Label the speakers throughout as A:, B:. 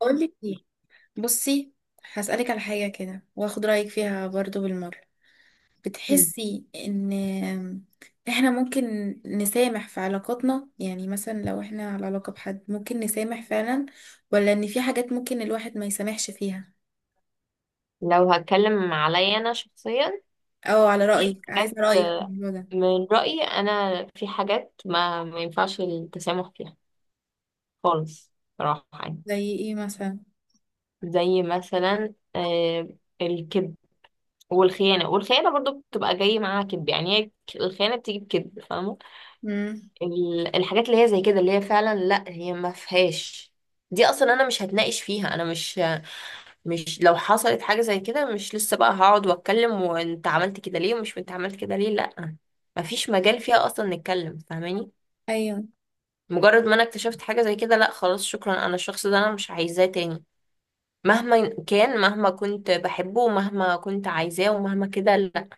A: بقول لك ايه. بصي، هسألك على حاجة كده واخد رأيك فيها برضو بالمرة.
B: مم.
A: بتحسي ان احنا ممكن نسامح في علاقاتنا؟ يعني مثلا لو احنا على علاقة بحد ممكن نسامح فعلا، ولا ان في حاجات ممكن الواحد ما يسامحش فيها؟
B: لو هتكلم عليا انا شخصيا
A: او على
B: في
A: رأيك، عايزة
B: حاجات
A: رأيك في الموضوع ده.
B: من رأيي انا في حاجات ما ينفعش التسامح فيها خالص، صراحة يعني.
A: زي ايه مثلا؟
B: زي مثلا الكذب والخيانة. والخيانة برضو بتبقى جاي معاها كذب، يعني هي الخيانة بتيجي بكذب، فاهمة.
A: امم.
B: الحاجات اللي هي زي كده اللي هي فعلا لا هي ما فيهاش. دي اصلا انا مش هتناقش فيها. انا مش لو حصلت حاجة زي كده مش لسه بقى هقعد واتكلم وانت عملت كده ليه ومش انت عملت كده ليه، لا. مفيش مجال فيها اصلا نتكلم، فاهماني.
A: ايوه.
B: مجرد ما انا اكتشفت حاجة زي كده لا خلاص شكرا، انا الشخص ده انا مش عايزاه تاني، مهما كان، مهما كنت بحبه ومهما كنت عايزاه ومهما كده لا.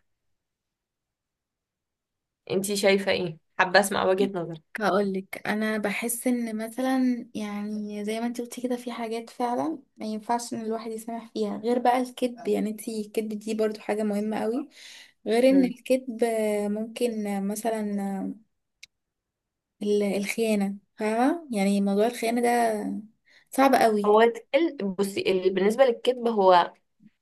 B: انتي شايفة ايه؟ حابة اسمع وجهة نظرك.
A: هقولك، انا بحس ان مثلا، يعني زي ما انت قلتي كده، في حاجات فعلا ما ينفعش ان الواحد يسامح فيها. غير بقى الكذب، يعني انت الكذب دي برضو حاجة مهمة قوي. غير ان
B: مم.
A: الكذب ممكن مثلا الخيانة، فاهمة؟ يعني موضوع الخيانة ده صعب قوي.
B: هو بصي، بالنسبة للكذب، هو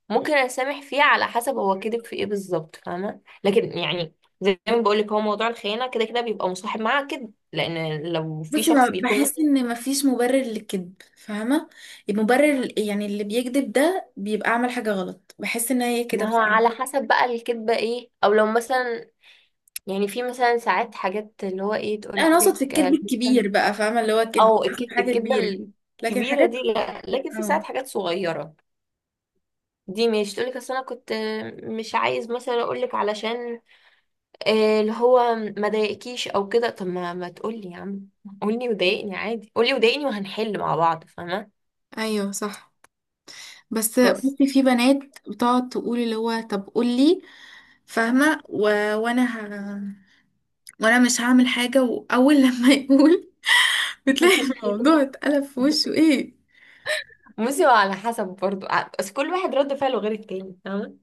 B: ممكن اسامح فيه على حسب هو كذب في ايه بالظبط، فاهمه. لكن يعني زي ما بقول لك، هو موضوع الخيانه كده كده بيبقى مصاحب معاها كده، لان لو في
A: بصي
B: شخص
A: ما-
B: بيكون
A: بحس
B: مثلا.
A: ان مفيش مبرر للكذب، فاهمة؟ المبرر، يعني اللي بيكذب ده بيبقى عمل حاجة غلط. بحس ان هي كده
B: ما هو
A: بصراحة.
B: على حسب بقى الكذبه ايه، او لو مثلا يعني في مثلا ساعات حاجات اللي هو ايه
A: لا
B: تقول
A: انا اقصد في
B: لك
A: الكذب
B: مثلا،
A: الكبير بقى، فاهمه؟ اللي هو كذب
B: او
A: حاجه حاجة
B: الكذبه
A: كبيره. لكن
B: الكبيره
A: حاجات،
B: دي لا، لكن في
A: اه.
B: ساعات حاجات صغيره دي مش تقول لك اصل انا كنت مش عايز مثلا اقول لك علشان اللي هو ما ضايقكيش او كده. طب ما تقولي يا عم، قولي وضايقني عادي، قولي وضايقني وهنحل مع بعض، فاهمه.
A: ايوه صح. بس
B: بس
A: بصي، في بنات بتقعد تقول اللي هو طب قولي، فاهمه؟ وانا ه... وانا مش هعمل حاجه. واول لما يقول، بتلاقي الموضوع اتقلب في وشه، ايه؟
B: بصي، هو على حسب برضو بس كل واحد رد فعله غير التاني، فاهمة.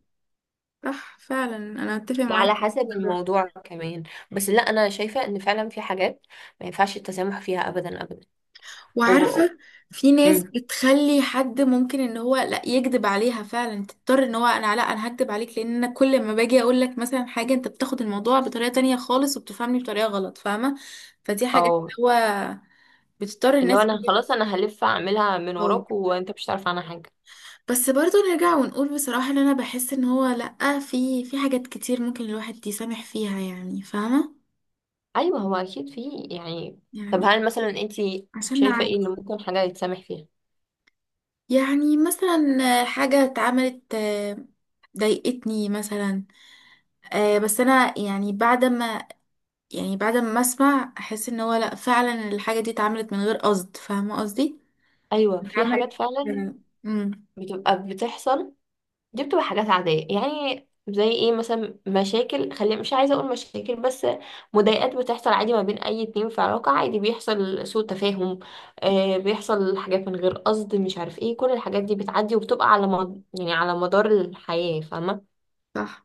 A: صح فعلا، انا اتفق معاك.
B: وعلى حسب الموضوع كمان. بس لا، انا شايفة ان فعلا في حاجات ما ينفعش التسامح فيها ابدا ابدا. وب...
A: وعارفة، في ناس
B: أمم،
A: بتخلي حد ممكن ان هو لا يكذب عليها فعلا تضطر ان هو، انا لا انا هكذب عليك، لان انا كل ما باجي اقول لك مثلا حاجة انت بتاخد الموضوع بطريقة تانية خالص وبتفهمني بطريقة غلط، فاهمة؟ فدي حاجة اللي
B: او
A: هو بتضطر
B: اللي هو
A: الناس إن
B: انا
A: هي
B: خلاص انا هلف اعملها من
A: تتفاوض.
B: وراك وانت مش هتعرف عنها حاجة.
A: بس برضه نرجع ونقول بصراحة ان انا بحس ان هو لا، في حاجات كتير ممكن الواحد يسامح فيها يعني، فاهمة؟
B: ايوه هو اكيد في، يعني. طب
A: يعني
B: هل مثلا انت
A: عشان
B: شايفة
A: نعدي.
B: ايه اللي ممكن حاجة يتسامح فيها؟
A: يعني مثلا حاجة اتعملت، ضايقتني مثلا. بس انا يعني بعد ما اسمع، احس ان هو لا فعلا الحاجة دي اتعملت من غير قصد، فاهمة قصدي؟
B: ايوه في حاجات
A: اتعملت.
B: فعلا
A: امم.
B: بتبقى بتحصل. دي بتبقى حاجات عاديه، يعني زي ايه مثلا؟ مشاكل، خلي مش عايزه اقول مشاكل، بس مضايقات بتحصل عادي ما بين اي اتنين في علاقه، عادي بيحصل سوء تفاهم. آه بيحصل حاجات من غير قصد مش عارف ايه، كل الحاجات دي بتعدي وبتبقى على يعني على مدار الحياه، فاهمه.
A: صح.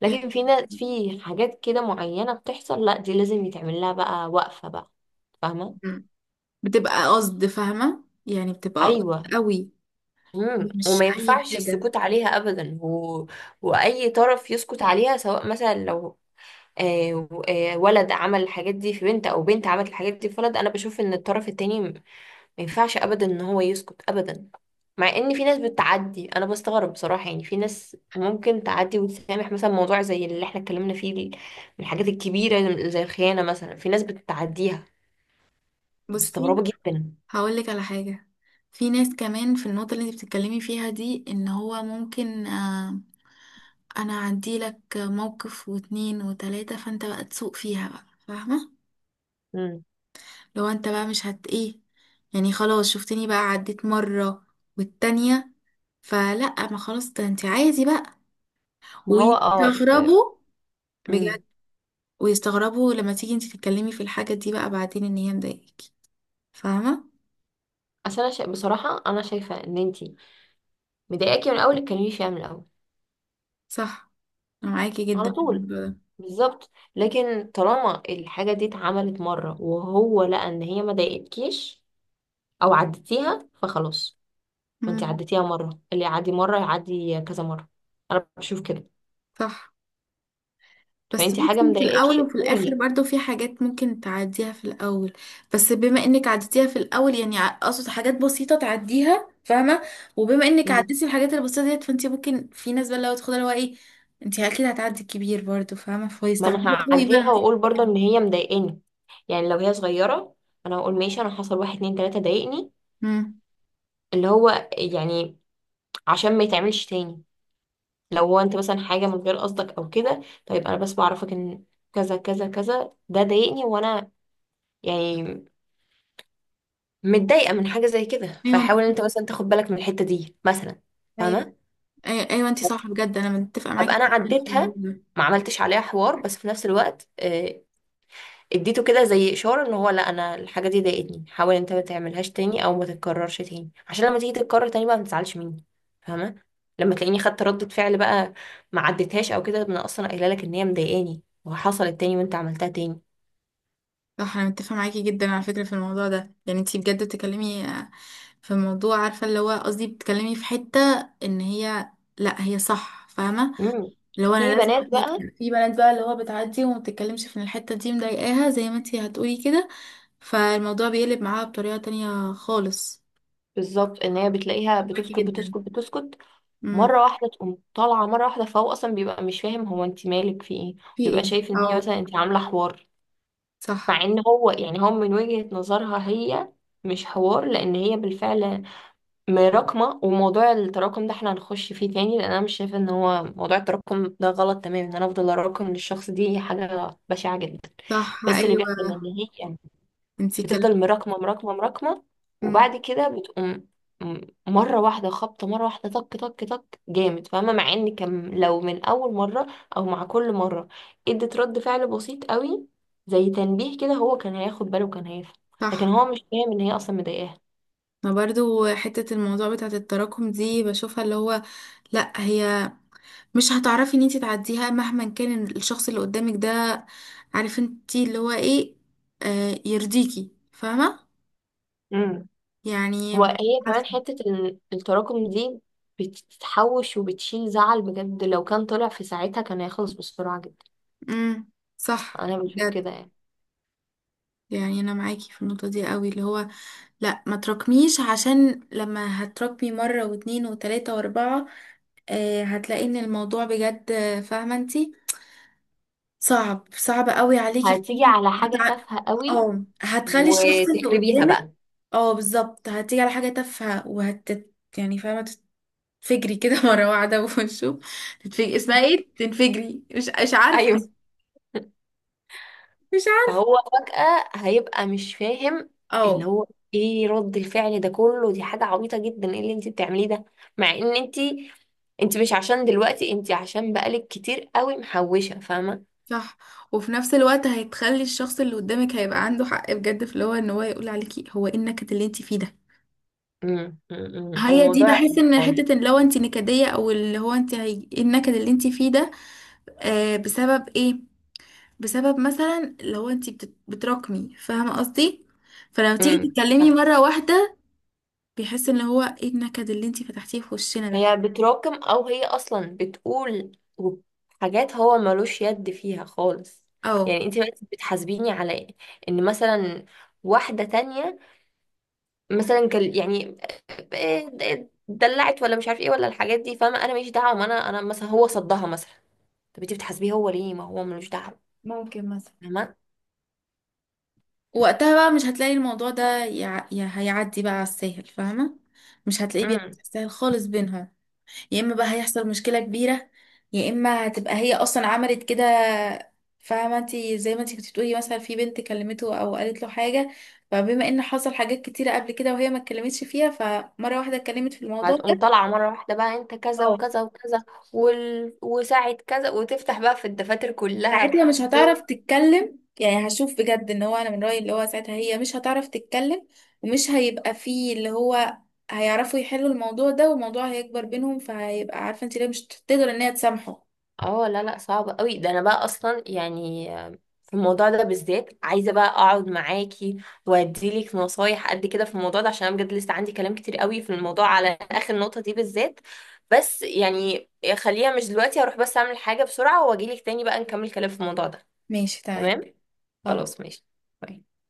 B: لكن في ناس، في حاجات كده معينه بتحصل، لا دي لازم يتعمل لها بقى وقفه بقى، فاهمه.
A: مم. بتبقى قصد، فاهمة؟ يعني بتبقى قصد
B: ايوه.
A: قوي،
B: مم.
A: مش
B: وما
A: اي
B: ينفعش
A: حاجة.
B: السكوت عليها ابدا واي طرف يسكت عليها، سواء مثلا لو آه ولد عمل الحاجات دي في بنت او بنت عملت الحاجات دي في ولد، انا بشوف ان الطرف التاني ما ينفعش ابدا ان هو يسكت ابدا. مع ان في ناس بتعدي، انا بستغرب بصراحة. يعني في ناس ممكن تعدي وتسامح مثلا موضوع زي اللي احنا اتكلمنا فيه من الحاجات الكبيرة زي الخيانة مثلا، في ناس بتعديها.
A: بصي
B: مستغربة جدا.
A: هقول لك على حاجة، في ناس كمان في النقطة اللي انت بتتكلمي فيها دي، ان هو ممكن انا اعدي لك موقف واتنين وتلاتة، فانت بقى تسوق فيها بقى، فاهمة؟
B: مم.
A: لو انت بقى مش هت ايه، يعني خلاص شفتني بقى عديت مرة والتانية، فلا، ما خلاص ده انت عادي بقى.
B: ما هو اه
A: ويستغربوا، بجد.
B: مم.
A: ويستغربوا لما تيجي انت تتكلمي في الحاجة دي بقى بعدين ان هي مضايقاكي، فاهمة؟
B: اصل انا بصراحة انا شايفة ان انتي مضايقاكي من الاول اتكلمي فيها من الاول،
A: صح، انا معاكي جدا
B: على
A: في
B: طول.
A: الموضوع ده.
B: بالظبط. لكن طالما الحاجه دي اتعملت مره وهو لقى ان هي ما ضايقتكيش او عديتيها فخلاص، وانت
A: مم.
B: عديتيها مره، اللي يعدي مره يعدي كذا مره، انا بشوف كده.
A: صح. بس
B: فانت حاجه
A: ممكن في الأول
B: مضايقاكي
A: وفي الآخر
B: قولي.
A: برضو، في حاجات ممكن تعديها في الأول. بس بما إنك عديتيها في الأول، يعني أقصد حاجات بسيطة تعديها، فاهمة؟ وبما إنك
B: مم.
A: عديتي الحاجات البسيطة ديت، فأنت ممكن، في ناس بقى لو تاخدها اللي هو إيه، أنت أكيد هتعدي الكبير برضو، فاهمة؟
B: ما انا
A: فيستغربوا قوي بقى
B: هعديها
A: لما تيجي
B: واقول برضه
A: تتكلمي.
B: ان هي مضايقاني. يعني لو هي صغيره انا هقول ماشي، انا حصل واحد اتنين تلاته ضايقني،
A: مم.
B: اللي هو يعني عشان ما يتعملش تاني. لو هو انت مثلا حاجه من غير قصدك او كده، طيب انا بس بعرفك ان كذا كذا كذا ده ضايقني، وانا يعني متضايقه من حاجه زي كده،
A: أيوة أنت
B: فحاول
A: صح.
B: انت مثلا تاخد بالك من الحته دي مثلا،
A: أيوة،
B: فاهمه.
A: أيوة، أيوة أنت صح بجد، أنا متفقة معاكي
B: ابقى انا
A: جداً في الموضوع
B: عديتها،
A: ده.
B: ما عملتش عليها حوار، بس في نفس الوقت اديته كده زي اشاره ان هو لا انا الحاجه دي ضايقتني، حاول انت ما تعملهاش تاني او ما تتكررش تاني، عشان لما تيجي تتكرر تاني بقى ما تزعلش مني، فاهمه. لما تلاقيني خدت ردة فعل بقى، ما عدتهاش او كده، انا اصلا قايله لك ان هي مضايقاني وحصلت تاني وانت عملتها تاني.
A: صح انا متفقه معاكي جدا على فكره في الموضوع ده. يعني انتي بجد بتتكلمي في موضوع، عارفه اللي هو قصدي، بتتكلمي في حته ان هي، لا هي صح، فاهمه؟
B: امم.
A: اللي هو انا
B: في
A: لازم
B: بنات
A: أديك.
B: بقى
A: في بنات بقى اللي هو بتعدي وما بتتكلمش في ان الحته دي مضايقاها، زي ما انتي هتقولي كده، فالموضوع بيقلب معاها بطريقه تانية خالص.
B: بالظبط ان هي بتلاقيها
A: معاكي
B: بتسكت
A: جدا.
B: بتسكت بتسكت،
A: امم.
B: مره واحده تقوم طالعه مره واحده، فهو اصلا بيبقى مش فاهم هو انت مالك، في ايه؟
A: في
B: بيبقى
A: ايه؟
B: شايف ان هي
A: او
B: مثلا انت عامله حوار، مع
A: صح.
B: ان هو يعني هو من وجهة نظرها هي مش حوار، لان هي بالفعل مراكمة. وموضوع التراكم ده احنا هنخش فيه تاني، لان انا مش شايفة ان هو موضوع التراكم ده غلط تماما، ان انا افضل اراكم للشخص دي حاجة بشعة جدا.
A: صح.
B: بس اللي بيحصل
A: ايوه،
B: ان هي
A: انتي اتكلمتي.
B: بتفضل مراكمة مراكمة مراكمة،
A: امم.
B: وبعد كده بتقوم م- مرة واحدة خبطة، مرة واحدة طك طك طك جامد، فاهمة. مع ان كان لو من أول مرة أو مع كل مرة ادت رد فعل بسيط قوي زي تنبيه كده، هو كان هياخد باله وكان هيفهم. لكن
A: صح.
B: هو مش فاهم ان هي اصلا مضايقاها.
A: ما برضو حتة الموضوع بتاعت التراكم دي بشوفها اللي هو، لا هي مش هتعرفي ان انتي تعديها مهما كان الشخص اللي قدامك ده عارف انتي اللي هو ايه، آه يرضيكي، فاهمة؟
B: امم.
A: يعني مش
B: وهي كمان
A: عارفة.
B: حتة التراكم دي بتتحوش وبتشيل زعل، بجد لو كان طلع في ساعتها كان هيخلص بسرعة جدا.
A: امم. صح
B: أنا بشوف
A: بجد.
B: كده يعني.
A: يعني انا معاكي في النقطة دي قوي اللي هو، لا ما تراكميش، عشان لما هتراكمي مرة واتنين وتلاتة واربعة، آه هتلاقي ان الموضوع بجد، فاهمة انتي؟ صعب، صعب قوي عليكي في
B: هتيجي على حاجة
A: هتع...
B: تافهة قوي
A: اه هتخلي الشخص اللي
B: وتخربيها
A: قدامك،
B: بقى.
A: اه بالظبط هتيجي على حاجة تافهة وهت، يعني فاهمة، تتفجري كده مرة واحدة. وشو تتفجري، اسمها ايه، تنفجري، مش عارفة.
B: ايوه
A: مش عارفة.
B: فهو فجأة هيبقى مش فاهم، اللي
A: اه
B: هو ايه رد الفعل ده كله؟ دي حاجة عبيطة جدا، ايه اللي انت بتعمليه ده؟ مع ان انت مش عشان دلوقتي، انت عشان بقالك كتير قوي محوشة، فاهمة.
A: صح. وفي نفس الوقت هتخلي الشخص اللي قدامك هيبقى عنده حق بجد في اللي هو ان هو يقول عليكي، هو ايه النكد اللي انت فيه ده؟
B: امم. أمم.
A: هي دي،
B: الموضوع،
A: بحس ان حتة ان لو انت نكدية او اللي هو انت إيه النكد اللي انت فيه ده؟ آه بسبب ايه؟ بسبب مثلا لو انت بتراكمي، فاهمة قصدي؟ فلما تيجي تتكلمي
B: صح.
A: مرة واحدة، بيحس ان هو ايه النكد اللي انتي فتحتيه في وشنا ده.
B: هي بتراكم، او هي اصلا بتقول حاجات هو ملوش يد فيها خالص.
A: اه.
B: يعني انت بقيتي بتحاسبيني على ان مثلا واحدة تانية مثلا كان يعني دلعت ولا مش عارف ايه ولا الحاجات دي، فاهمه. انا ماليش دعوه، ما انا انا مثلا هو صدها مثلا، طب انت بتحاسبيه هو ليه؟ ما هو ملوش دعوه،
A: ممكن مثلا
B: فاهمه.
A: وقتها بقى مش هتلاقي الموضوع ده هيعدي بقى على السهل، فاهمة؟ مش هتلاقيه بيعدي
B: امم.
A: على السهل خالص بينهم. يا اما بقى هيحصل مشكلة كبيرة، يا اما هتبقى هي اصلا عملت كده، فاهمة انتي؟ زي ما انتي كنت بتقولي، مثلا في بنت كلمته او قالت له حاجة، فبما ان حصل حاجات كتيرة قبل كده وهي ما اتكلمتش فيها، فمرة واحدة اتكلمت في الموضوع
B: هتقوم طالعه مره واحده بقى انت كذا
A: ده،
B: وكذا وكذا وساعه كذا، وتفتح بقى في الدفاتر كلها.
A: ساعتها مش هتعرف تتكلم. يعني هشوف بجد ان هو انا من رأيي اللي هو ساعتها هي مش هتعرف تتكلم، ومش هيبقى فيه اللي هو هيعرفوا يحلوا الموضوع ده، والموضوع هيكبر بينهم، فهيبقى عارفة انت ليه مش تقدر ان هي تسامحه.
B: اه لا لا صعب قوي ده. انا بقى اصلا يعني في الموضوع ده بالذات عايزه بقى اقعد معاكي واديلك نصايح قد كده في الموضوع ده، عشان انا بجد لسه عندي كلام كتير قوي في الموضوع على اخر نقطه دي بالذات. بس يعني خليها مش دلوقتي، هروح بس اعمل حاجه بسرعه واجيلك تاني بقى نكمل كلام في الموضوع ده.
A: ماشي تمام.
B: تمام.
A: خلاص.
B: خلاص ماشي. باي.